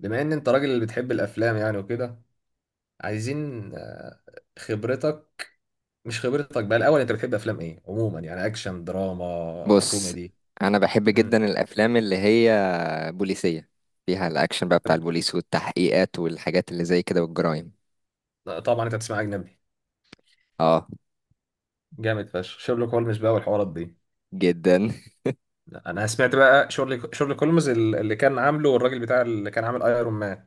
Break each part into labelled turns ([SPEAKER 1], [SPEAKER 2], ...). [SPEAKER 1] بما ان انت راجل اللي بتحب الافلام يعني وكده عايزين خبرتك. مش خبرتك بقى الاول، انت بتحب افلام ايه عموما؟ يعني اكشن، دراما،
[SPEAKER 2] بص،
[SPEAKER 1] كوميدي؟
[SPEAKER 2] انا بحب
[SPEAKER 1] مم.
[SPEAKER 2] جدا الافلام اللي هي بوليسيه، فيها الاكشن بقى بتاع البوليس والتحقيقات والحاجات اللي زي كده والجرايم.
[SPEAKER 1] طبعا انت بتسمع اجنبي.
[SPEAKER 2] اه،
[SPEAKER 1] جامد فشخ شيرلوك هولمز بقى والحوارات دي.
[SPEAKER 2] جدا.
[SPEAKER 1] لا، انا سمعت بقى شيرلوك هولمز اللي كان عامله الراجل بتاع اللي كان عامل ايرون مان.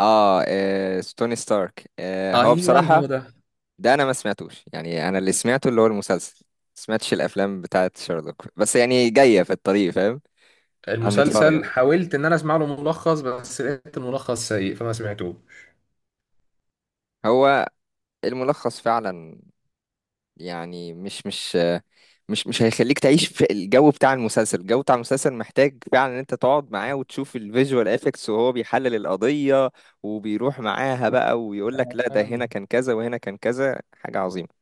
[SPEAKER 2] اه, ستوني ستارك. هو
[SPEAKER 1] ايوه هو
[SPEAKER 2] بصراحه
[SPEAKER 1] ده.
[SPEAKER 2] ده انا ما سمعتوش، يعني انا اللي سمعته اللي هو المسلسل، ما سمعتش الافلام بتاعه شارلوك، بس يعني جايه في الطريق، فاهم. هنتفرج
[SPEAKER 1] المسلسل
[SPEAKER 2] عليها.
[SPEAKER 1] حاولت ان انا اسمع له ملخص، بس لقيت الملخص سيء فما سمعتوش.
[SPEAKER 2] هو الملخص فعلا يعني مش هيخليك تعيش في الجو بتاع المسلسل. الجو بتاع المسلسل محتاج فعلا ان انت تقعد معاه وتشوف الفيجوال افكتس وهو بيحلل القضية وبيروح معاها بقى، ويقول لك لا، ده هنا كان كذا وهنا كان كذا. حاجة عظيمة.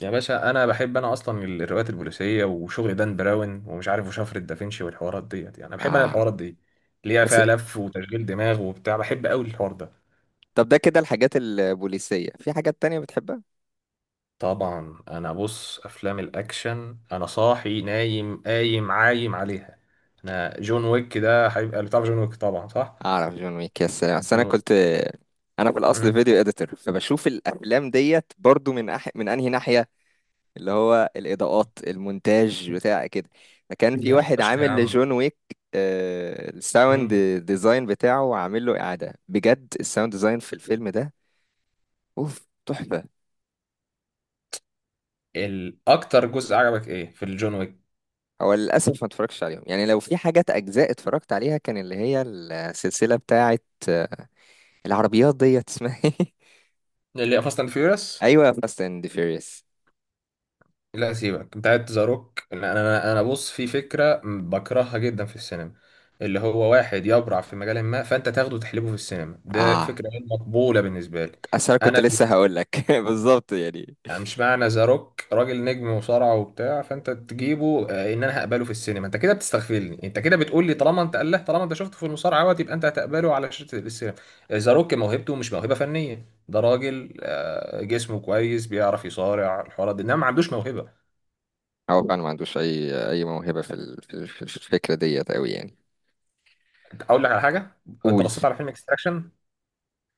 [SPEAKER 1] يا باشا انا بحب انا اصلا الروايات البوليسيه وشغل دان براون ومش عارف وشفرة دافنشي والحوارات ديت، يعني أنا بحب انا
[SPEAKER 2] اه.
[SPEAKER 1] الحوارات دي اللي هي
[SPEAKER 2] بس
[SPEAKER 1] فيها لف وتشغيل دماغ وبتاع، بحب قوي الحوار ده.
[SPEAKER 2] طب ده كده الحاجات البوليسية، في حاجات تانية بتحبها؟
[SPEAKER 1] طبعا انا بص، افلام الاكشن انا صاحي نايم قايم عايم عليها. انا جون ويك ده هيبقى بتاع جون ويك طبعا، صح؟
[SPEAKER 2] اعرف جون ويك، يا سلام. أصل
[SPEAKER 1] جون
[SPEAKER 2] انا
[SPEAKER 1] ويك.
[SPEAKER 2] كنت، انا في الاصل
[SPEAKER 1] مم.
[SPEAKER 2] فيديو اديتور، فبشوف الافلام ديت برضو من انهي ناحية. اللي هو الإضاءات، المونتاج، بتاع كده. فكان في
[SPEAKER 1] جامد
[SPEAKER 2] واحد
[SPEAKER 1] فشخ يا
[SPEAKER 2] عامل
[SPEAKER 1] عم.
[SPEAKER 2] لجون ويك الساوند
[SPEAKER 1] مم.
[SPEAKER 2] ديزاين بتاعه، عامل له إعادة. بجد الساوند ديزاين في الفيلم ده أوف، تحفة.
[SPEAKER 1] الاكتر جزء عجبك ايه في الجون ويك؟
[SPEAKER 2] هو للأسف ما اتفرجتش عليهم، يعني لو في حاجات أجزاء اتفرجت عليها كان اللي هي السلسلة بتاعة آه، العربيات ديت، اسمها ايه؟
[SPEAKER 1] اللي فاست اند فيوريوس.
[SPEAKER 2] أيوة، فاست أند فيوريوس.
[SPEAKER 1] لا سيبك، بتاعت ذا روك انا بص، في فكره بكرهها جدا في السينما. اللي هو واحد يبرع في مجال ما، فانت تاخده وتحلبه في السينما، ده
[SPEAKER 2] آه
[SPEAKER 1] فكره غير مقبوله بالنسبه لي.
[SPEAKER 2] أصل أنا كنت
[SPEAKER 1] انا
[SPEAKER 2] لسه
[SPEAKER 1] بالنسبة-
[SPEAKER 2] هقول لك بالظبط يعني.
[SPEAKER 1] يعني مش معنى ذا روك راجل نجم وصارع وبتاع، فانت تجيبه ان انا هقبله في السينما. انت كده بتستغفلني، انت كده بتقول لي طالما انت قال له طالما انت شفته في المصارعه اهوت يبقى انت هتقبله على شاشه السينما. ذا روك موهبته مش موهبه فنيه، ده راجل جسمه كويس بيعرف يصارع الحوارات دي، انما ما عندوش موهبه.
[SPEAKER 2] هو فعلا ما عندوش أي موهبة في في الفكرة ديت أوي يعني.
[SPEAKER 1] اقول لك على حاجه، انت
[SPEAKER 2] قول.
[SPEAKER 1] بصيت على فيلم اكستراكشن؟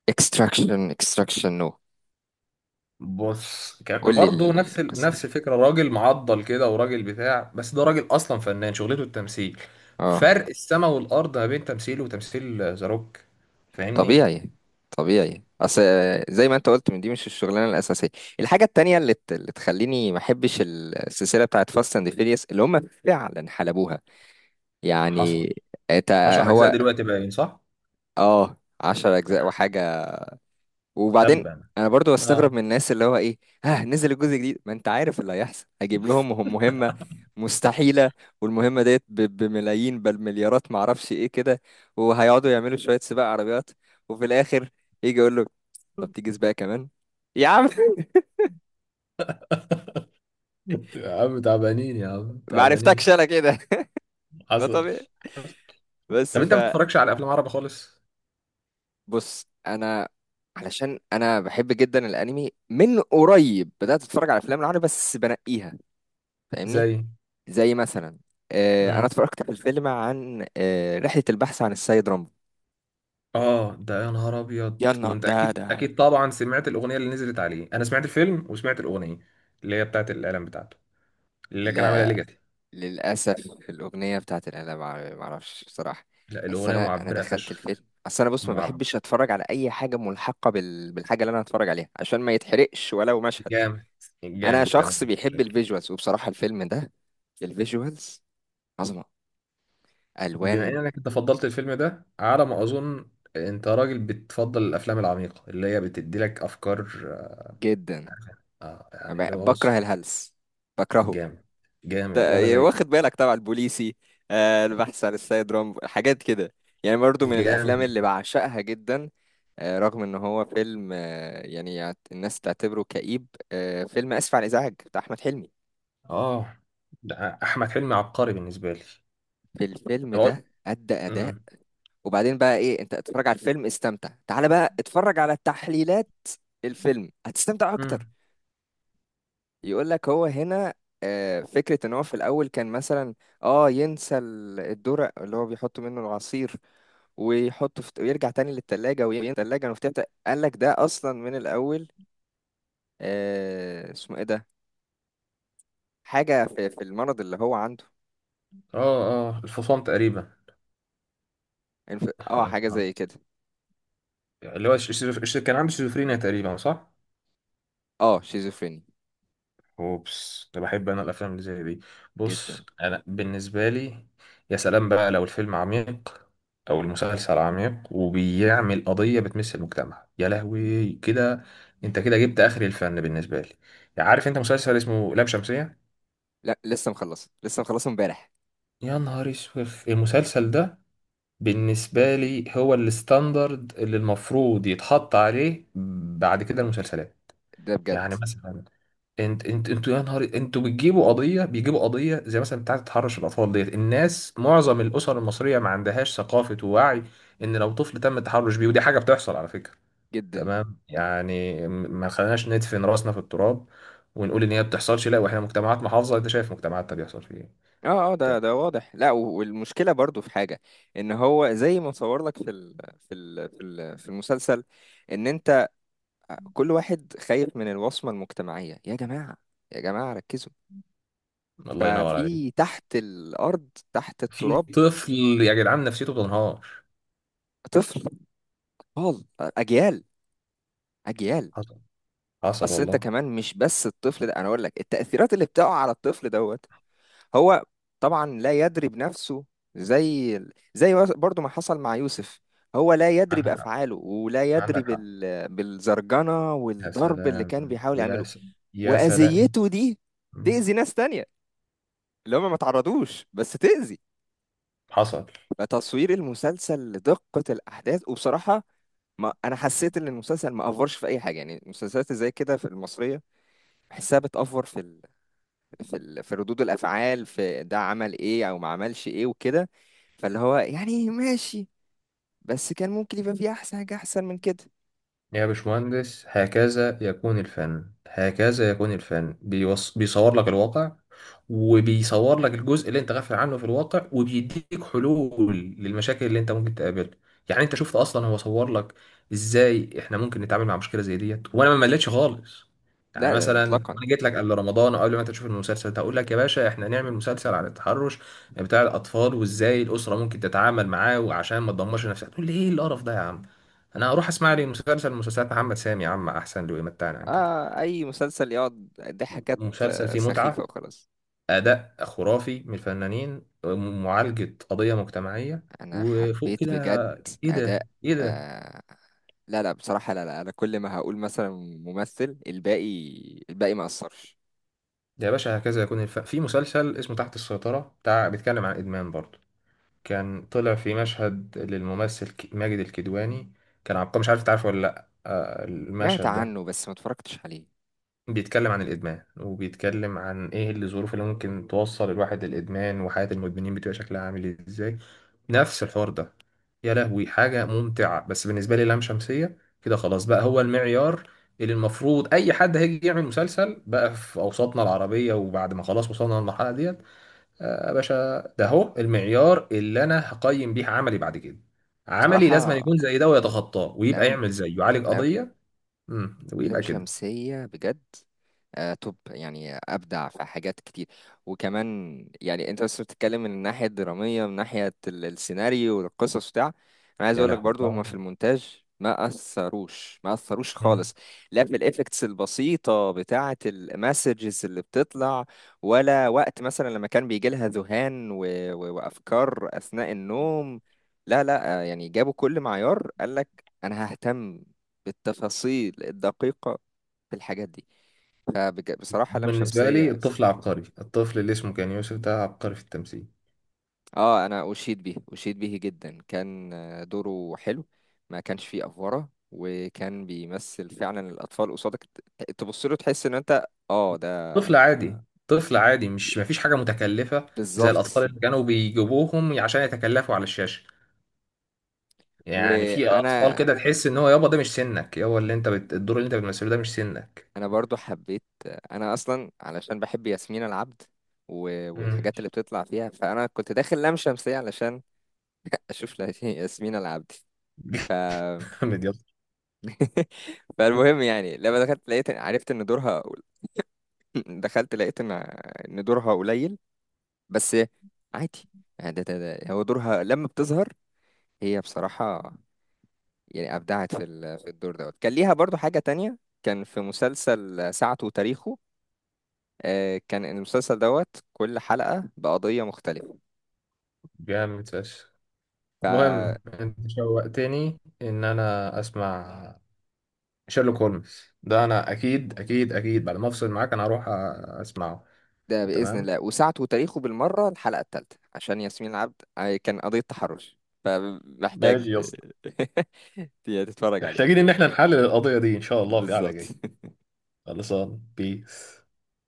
[SPEAKER 2] اكستراكشن؟ اكستراكشن، نو.
[SPEAKER 1] بص، كان
[SPEAKER 2] قول لي
[SPEAKER 1] برضه
[SPEAKER 2] القسم.
[SPEAKER 1] نفس الفكره، راجل معضل كده وراجل بتاع، بس ده راجل اصلا فنان شغلته التمثيل.
[SPEAKER 2] اه،
[SPEAKER 1] فرق السما والارض ما بين تمثيله وتمثيل ذا روك. فاهمني.
[SPEAKER 2] طبيعي. طبيعي، اصل زي ما انت قلت، من دي مش الشغلانه الاساسيه. الحاجه التانية اللي تخليني ما احبش السلسله بتاعت فاست اند فيريوس اللي هم فعلا حلبوها
[SPEAKER 1] حصل.
[SPEAKER 2] يعني. انت.
[SPEAKER 1] 10 اجزاء
[SPEAKER 2] هو،
[SPEAKER 1] دلوقتي باين، صح؟
[SPEAKER 2] اه، 10 اجزاء وحاجه. وبعدين
[SPEAKER 1] تبا.
[SPEAKER 2] انا برضو بستغرب
[SPEAKER 1] اه.
[SPEAKER 2] من الناس اللي هو ايه، ها نزل الجزء الجديد، ما انت عارف اللي هيحصل. هجيب لهم مهمة مستحيلة، والمهمة ديت بملايين، بل مليارات، معرفش ايه كده. وهيقعدوا يعملوا شوية سباق عربيات، وفي الاخر يجي يقول له طب تيجي سباق كمان، يا عم.
[SPEAKER 1] يا عم تعبانين، يا عم
[SPEAKER 2] ما
[SPEAKER 1] تعبانين.
[SPEAKER 2] عرفتكش انا كده. ده
[SPEAKER 1] حصل.
[SPEAKER 2] طبيعي. بس.
[SPEAKER 1] طب انت ما بتتفرجش على افلام عربي خالص؟
[SPEAKER 2] فبص، انا علشان انا بحب جدا الانمي، من قريب بدات اتفرج على افلام العربي بس بنقيها، فاهمني.
[SPEAKER 1] زي.
[SPEAKER 2] زي مثلا انا
[SPEAKER 1] مم.
[SPEAKER 2] اتفرجت على الفيلم عن رحلة البحث عن السيد رامبو.
[SPEAKER 1] اه ده يا نهار ابيض،
[SPEAKER 2] يلا،
[SPEAKER 1] وانت
[SPEAKER 2] ده
[SPEAKER 1] اكيد
[SPEAKER 2] ده
[SPEAKER 1] اكيد طبعا سمعت الاغنيه اللي نزلت عليه. انا سمعت الفيلم وسمعت الاغنيه اللي هي بتاعت الاعلان بتاعته، اللي كان عاملها
[SPEAKER 2] لا،
[SPEAKER 1] ليجاتي.
[SPEAKER 2] للأسف الأغنية بتاعت الآلة معرفش بصراحة.
[SPEAKER 1] لا
[SPEAKER 2] بس
[SPEAKER 1] الاغنيه
[SPEAKER 2] أنا
[SPEAKER 1] معبره
[SPEAKER 2] دخلت
[SPEAKER 1] فشخ.
[SPEAKER 2] الفيلم. أصل أنا، بص، ما
[SPEAKER 1] معبر.
[SPEAKER 2] بحبش أتفرج على أي حاجة ملحقة بالحاجة اللي أنا هتفرج عليها، عشان ما يتحرقش ولو مشهد.
[SPEAKER 1] جامد.
[SPEAKER 2] أنا
[SPEAKER 1] جامد تمام
[SPEAKER 2] شخص
[SPEAKER 1] مش
[SPEAKER 2] بيحب
[SPEAKER 1] مشاكل.
[SPEAKER 2] الفيجوالز، وبصراحة الفيلم ده الفيجوالز عظمة،
[SPEAKER 1] بما
[SPEAKER 2] ألوان.
[SPEAKER 1] انك انت فضلت الفيلم ده على ما اظن، انت راجل بتفضل الافلام العميقه اللي هي بتدي لك افكار.
[SPEAKER 2] جدا.
[SPEAKER 1] آه يعني اللي هو بص.
[SPEAKER 2] بكره الهلس، بكرهه.
[SPEAKER 1] جامد. جامد وانا
[SPEAKER 2] ده
[SPEAKER 1] زي.
[SPEAKER 2] واخد بالك طبعا البوليسي. البحث عن السيد رامبو، حاجات كده يعني، برضو من الافلام
[SPEAKER 1] جامد.
[SPEAKER 2] اللي بعشقها جدا. رغم ان هو فيلم، يعني الناس تعتبره كئيب. فيلم اسف على الازعاج بتاع احمد حلمي،
[SPEAKER 1] اه ده. احمد حلمي عبقري بالنسبه لي.
[SPEAKER 2] في الفيلم
[SPEAKER 1] أنا
[SPEAKER 2] ده
[SPEAKER 1] بقول.
[SPEAKER 2] ادى اداء. وبعدين بقى ايه، انت اتفرج على الفيلم استمتع، تعال بقى اتفرج على تحليلات الفيلم هتستمتع اكتر.
[SPEAKER 1] امم.
[SPEAKER 2] يقول لك هو هنا فكرة ان هو في الاول كان مثلا اه ينسى الدرق اللي هو بيحط منه العصير، ويحطه في، ويرجع تاني للتلاجة وينسى التلاجة المفتوحة. قال لك ده اصلا من الاول اسمه ايه ده، حاجة في المرض اللي هو عنده.
[SPEAKER 1] اه اه الفصام تقريبا. يا
[SPEAKER 2] حاجة
[SPEAKER 1] نهار
[SPEAKER 2] زي كده.
[SPEAKER 1] أبيض. اللي هو كان عنده شيزوفرينيا تقريبا، صح؟
[SPEAKER 2] اه، شيزوفريني.
[SPEAKER 1] اوبس، ده بحب انا الافلام اللي زي دي.
[SPEAKER 2] جدا.
[SPEAKER 1] بص انا بالنسبه لي، يا سلام بقى لو الفيلم عميق او المسلسل عميق وبيعمل قضيه بتمس المجتمع، يا لهوي كده انت كده جبت اخر الفن بالنسبه لي. عارف انت مسلسل اسمه لام شمسيه؟
[SPEAKER 2] لا، لسه مخلصه امبارح.
[SPEAKER 1] يا نهار اسود المسلسل ده. بالنسبه لي هو الستاندرد اللي المفروض يتحط عليه بعد كده المسلسلات.
[SPEAKER 2] ده بجد.
[SPEAKER 1] يعني مثلا، انت انتوا يا نهار، انتوا بتجيبوا قضيه، بيجيبوا قضيه زي مثلا بتاعه تحرش الاطفال ديت. الناس معظم الاسر المصريه ما عندهاش ثقافه ووعي ان لو طفل تم التحرش بيه، ودي حاجه بتحصل على فكره.
[SPEAKER 2] جدا.
[SPEAKER 1] تمام. يعني ما خليناش ندفن راسنا في التراب ونقول ان هي ما بتحصلش. لا، واحنا مجتمعات محافظه، انت شايف مجتمعاتنا بيحصل فيه ايه.
[SPEAKER 2] اه، اه، ده
[SPEAKER 1] تمام.
[SPEAKER 2] واضح. لا، والمشكله برضو في حاجه، ان هو زي ما صور لك في المسلسل ان انت، كل واحد خايف من الوصمه المجتمعيه. يا جماعه، يا جماعه، ركزوا.
[SPEAKER 1] الله ينور عليك.
[SPEAKER 2] ففي تحت الارض، تحت
[SPEAKER 1] في
[SPEAKER 2] التراب،
[SPEAKER 1] طفل، يا جدعان نفسيته بتنهار.
[SPEAKER 2] طفل، اطفال، اجيال، اجيال.
[SPEAKER 1] حصل. حصل
[SPEAKER 2] اصل انت
[SPEAKER 1] والله.
[SPEAKER 2] كمان، مش بس الطفل ده، انا اقول لك التاثيرات اللي بتقع على الطفل دوت، هو طبعا لا يدري بنفسه. زي زي برضو ما حصل مع يوسف، هو لا يدري
[SPEAKER 1] عندك حق.
[SPEAKER 2] بأفعاله ولا يدري
[SPEAKER 1] عندك حق.
[SPEAKER 2] بالزرجنة
[SPEAKER 1] يا
[SPEAKER 2] والضرب اللي
[SPEAKER 1] سلام.
[SPEAKER 2] كان بيحاول
[SPEAKER 1] يا
[SPEAKER 2] يعمله.
[SPEAKER 1] س... يا سلام.
[SPEAKER 2] وأذيته دي تأذي ناس تانية، اللي هم ما تعرضوش، بس تأذي.
[SPEAKER 1] حصل.
[SPEAKER 2] فتصوير المسلسل لدقة الأحداث، وبصراحة ما أنا حسيت إن المسلسل ما أفورش في أي حاجة. يعني المسلسلات زي كده في المصرية بحسها بتأفور في ردود الأفعال، في ده عمل إيه أو ما عملش إيه وكده. فاللي هو يعني ماشي، بس كان ممكن يبقى فيه احسن حاجة احسن من كده.
[SPEAKER 1] يا باشمهندس هكذا يكون الفن، هكذا يكون الفن، بيصور لك الواقع وبيصور لك الجزء اللي انت غافل عنه في الواقع، وبيديك حلول للمشاكل اللي انت ممكن تقابلها. يعني انت شفت اصلا هو صور لك ازاي احنا ممكن نتعامل مع مشكله زي ديت، وانا ما مليتش خالص. يعني
[SPEAKER 2] لا، لا،
[SPEAKER 1] مثلا
[SPEAKER 2] مطلقا.
[SPEAKER 1] انا جيت لك قبل رمضان او قبل ما انت تشوف المسلسل ده هقول لك يا باشا احنا نعمل مسلسل عن التحرش بتاع الاطفال، وازاي الاسره ممكن تتعامل معاه وعشان ما تدمرش نفسها، تقول لي ايه القرف ده يا عم، انا اروح اسمع لي مسلسلات محمد سامي يا عم احسن له، يمتعني عن كده.
[SPEAKER 2] آه، اي مسلسل يقعد ضحكات
[SPEAKER 1] مسلسل فيه
[SPEAKER 2] سخيفة
[SPEAKER 1] متعة،
[SPEAKER 2] وخلاص.
[SPEAKER 1] اداء خرافي من الفنانين، معالجة قضية مجتمعية،
[SPEAKER 2] انا
[SPEAKER 1] وفوق
[SPEAKER 2] حبيت
[SPEAKER 1] كده
[SPEAKER 2] بجد
[SPEAKER 1] ايه ده
[SPEAKER 2] اداء.
[SPEAKER 1] ايه ده.
[SPEAKER 2] آه لا، لا، بصراحة، لا، لا، انا كل ما هقول مثلا ممثل، الباقي ما اثرش.
[SPEAKER 1] ده يا باشا هكذا يكون في مسلسل اسمه تحت السيطرة بتاع، بيتكلم عن ادمان برضه. كان طلع في مشهد للممثل ماجد الكدواني، كان عبقري، مش عارف تعرفه ولا لا
[SPEAKER 2] سمعت
[SPEAKER 1] المشهد ده
[SPEAKER 2] عنه، بس ما اتفرجتش عليه.
[SPEAKER 1] بيتكلم عن الإدمان، وبيتكلم عن إيه الظروف اللي ممكن توصل الواحد للإدمان، وحياة المدمنين بتبقى شكلها عامل إزاي، نفس الحوار ده. يا لهوي حاجة ممتعة. بس بالنسبة لي لام شمسية كده خلاص بقى هو المعيار اللي المفروض أي حد هيجي يعمل مسلسل بقى في أوساطنا العربية، وبعد ما خلاص وصلنا للمرحلة ديت، آه يا باشا ده هو المعيار اللي أنا هقيم بيه عملي بعد كده. عملي لازم
[SPEAKER 2] بصراحة
[SPEAKER 1] يكون زي ده ويتخطاه، ويبقى
[SPEAKER 2] لم
[SPEAKER 1] يعمل زيه، يعالج
[SPEAKER 2] لم
[SPEAKER 1] قضية.
[SPEAKER 2] لام
[SPEAKER 1] ويبقى كده.
[SPEAKER 2] شمسية بجد. توب، يعني أبدع في حاجات كتير. وكمان يعني، أنت بس بتتكلم من الناحية الدرامية، من ناحية السيناريو والقصص بتاع. أنا عايز
[SPEAKER 1] يا
[SPEAKER 2] أقول لك
[SPEAKER 1] لهوي.
[SPEAKER 2] برضو هما في المونتاج ما أثروش، ما أثروش
[SPEAKER 1] آه.
[SPEAKER 2] خالص. لا، في الإفكتس البسيطة بتاعة المسجز اللي بتطلع، ولا وقت مثلا لما كان بيجي لها ذهان وأفكار أثناء النوم. لا، لا، يعني جابوا كل معيار. قال لك أنا ههتم بالتفاصيل الدقيقة في الحاجات دي. فبصراحة لام
[SPEAKER 1] بالنسبة لي
[SPEAKER 2] شمسية.
[SPEAKER 1] الطفل عبقري، الطفل اللي اسمه كان يوسف ده عبقري في التمثيل.
[SPEAKER 2] اه، انا اشيد به، اشيد به جدا. كان دوره حلو، ما كانش فيه افوره، وكان بيمثل فعلا الاطفال قصادك. تبص له تحس ان انت، اه ده.
[SPEAKER 1] طفل عادي. طفل عادي، مش مفيش حاجة متكلفة زي الأطفال
[SPEAKER 2] بالظبط.
[SPEAKER 1] اللي كانوا بيجيبوهم عشان يتكلفوا على الشاشة. يعني في أطفال
[SPEAKER 2] وانا
[SPEAKER 1] كده تحس إن هو يابا ده مش سنك، يابا اللي الدور اللي أنت بتمثله ده مش سنك.
[SPEAKER 2] انا برضو حبيت، انا اصلا علشان بحب ياسمين العبد
[SPEAKER 1] مم.
[SPEAKER 2] والحاجات اللي بتطلع فيها، فانا كنت داخل لام شمسية علشان اشوف ياسمين العبد.
[SPEAKER 1] جامد يابا.
[SPEAKER 2] فالمهم يعني، لما دخلت لقيت، عرفت ان دورها، دخلت لقيت ان دورها قليل. بس عادي يعني، ده هو دورها لما بتظهر. هي بصراحة يعني أبدعت في في الدور دوت. كان ليها برضو حاجة تانية، كان في مسلسل ساعته وتاريخه كان المسلسل دوت كل حلقة بقضية مختلفة.
[SPEAKER 1] جامد فشخ. المهم أنت شوقتني إن أنا أسمع شيرلوك هولمز ده، أنا أكيد أكيد أكيد بعد ما أفصل معاك أنا هروح أسمعه.
[SPEAKER 2] ده بإذن
[SPEAKER 1] تمام.
[SPEAKER 2] الله. وساعته وتاريخه بالمرة، الحلقة الثالثة، عشان ياسمين العبد كان قضية تحرش. فمحتاج
[SPEAKER 1] ماشي يا.
[SPEAKER 2] تتفرج
[SPEAKER 1] محتاجين
[SPEAKER 2] عليه.
[SPEAKER 1] ان احنا نحلل القضية دي ان شاء الله في قعدة
[SPEAKER 2] بالظبط.
[SPEAKER 1] جاية. خلصان بيس.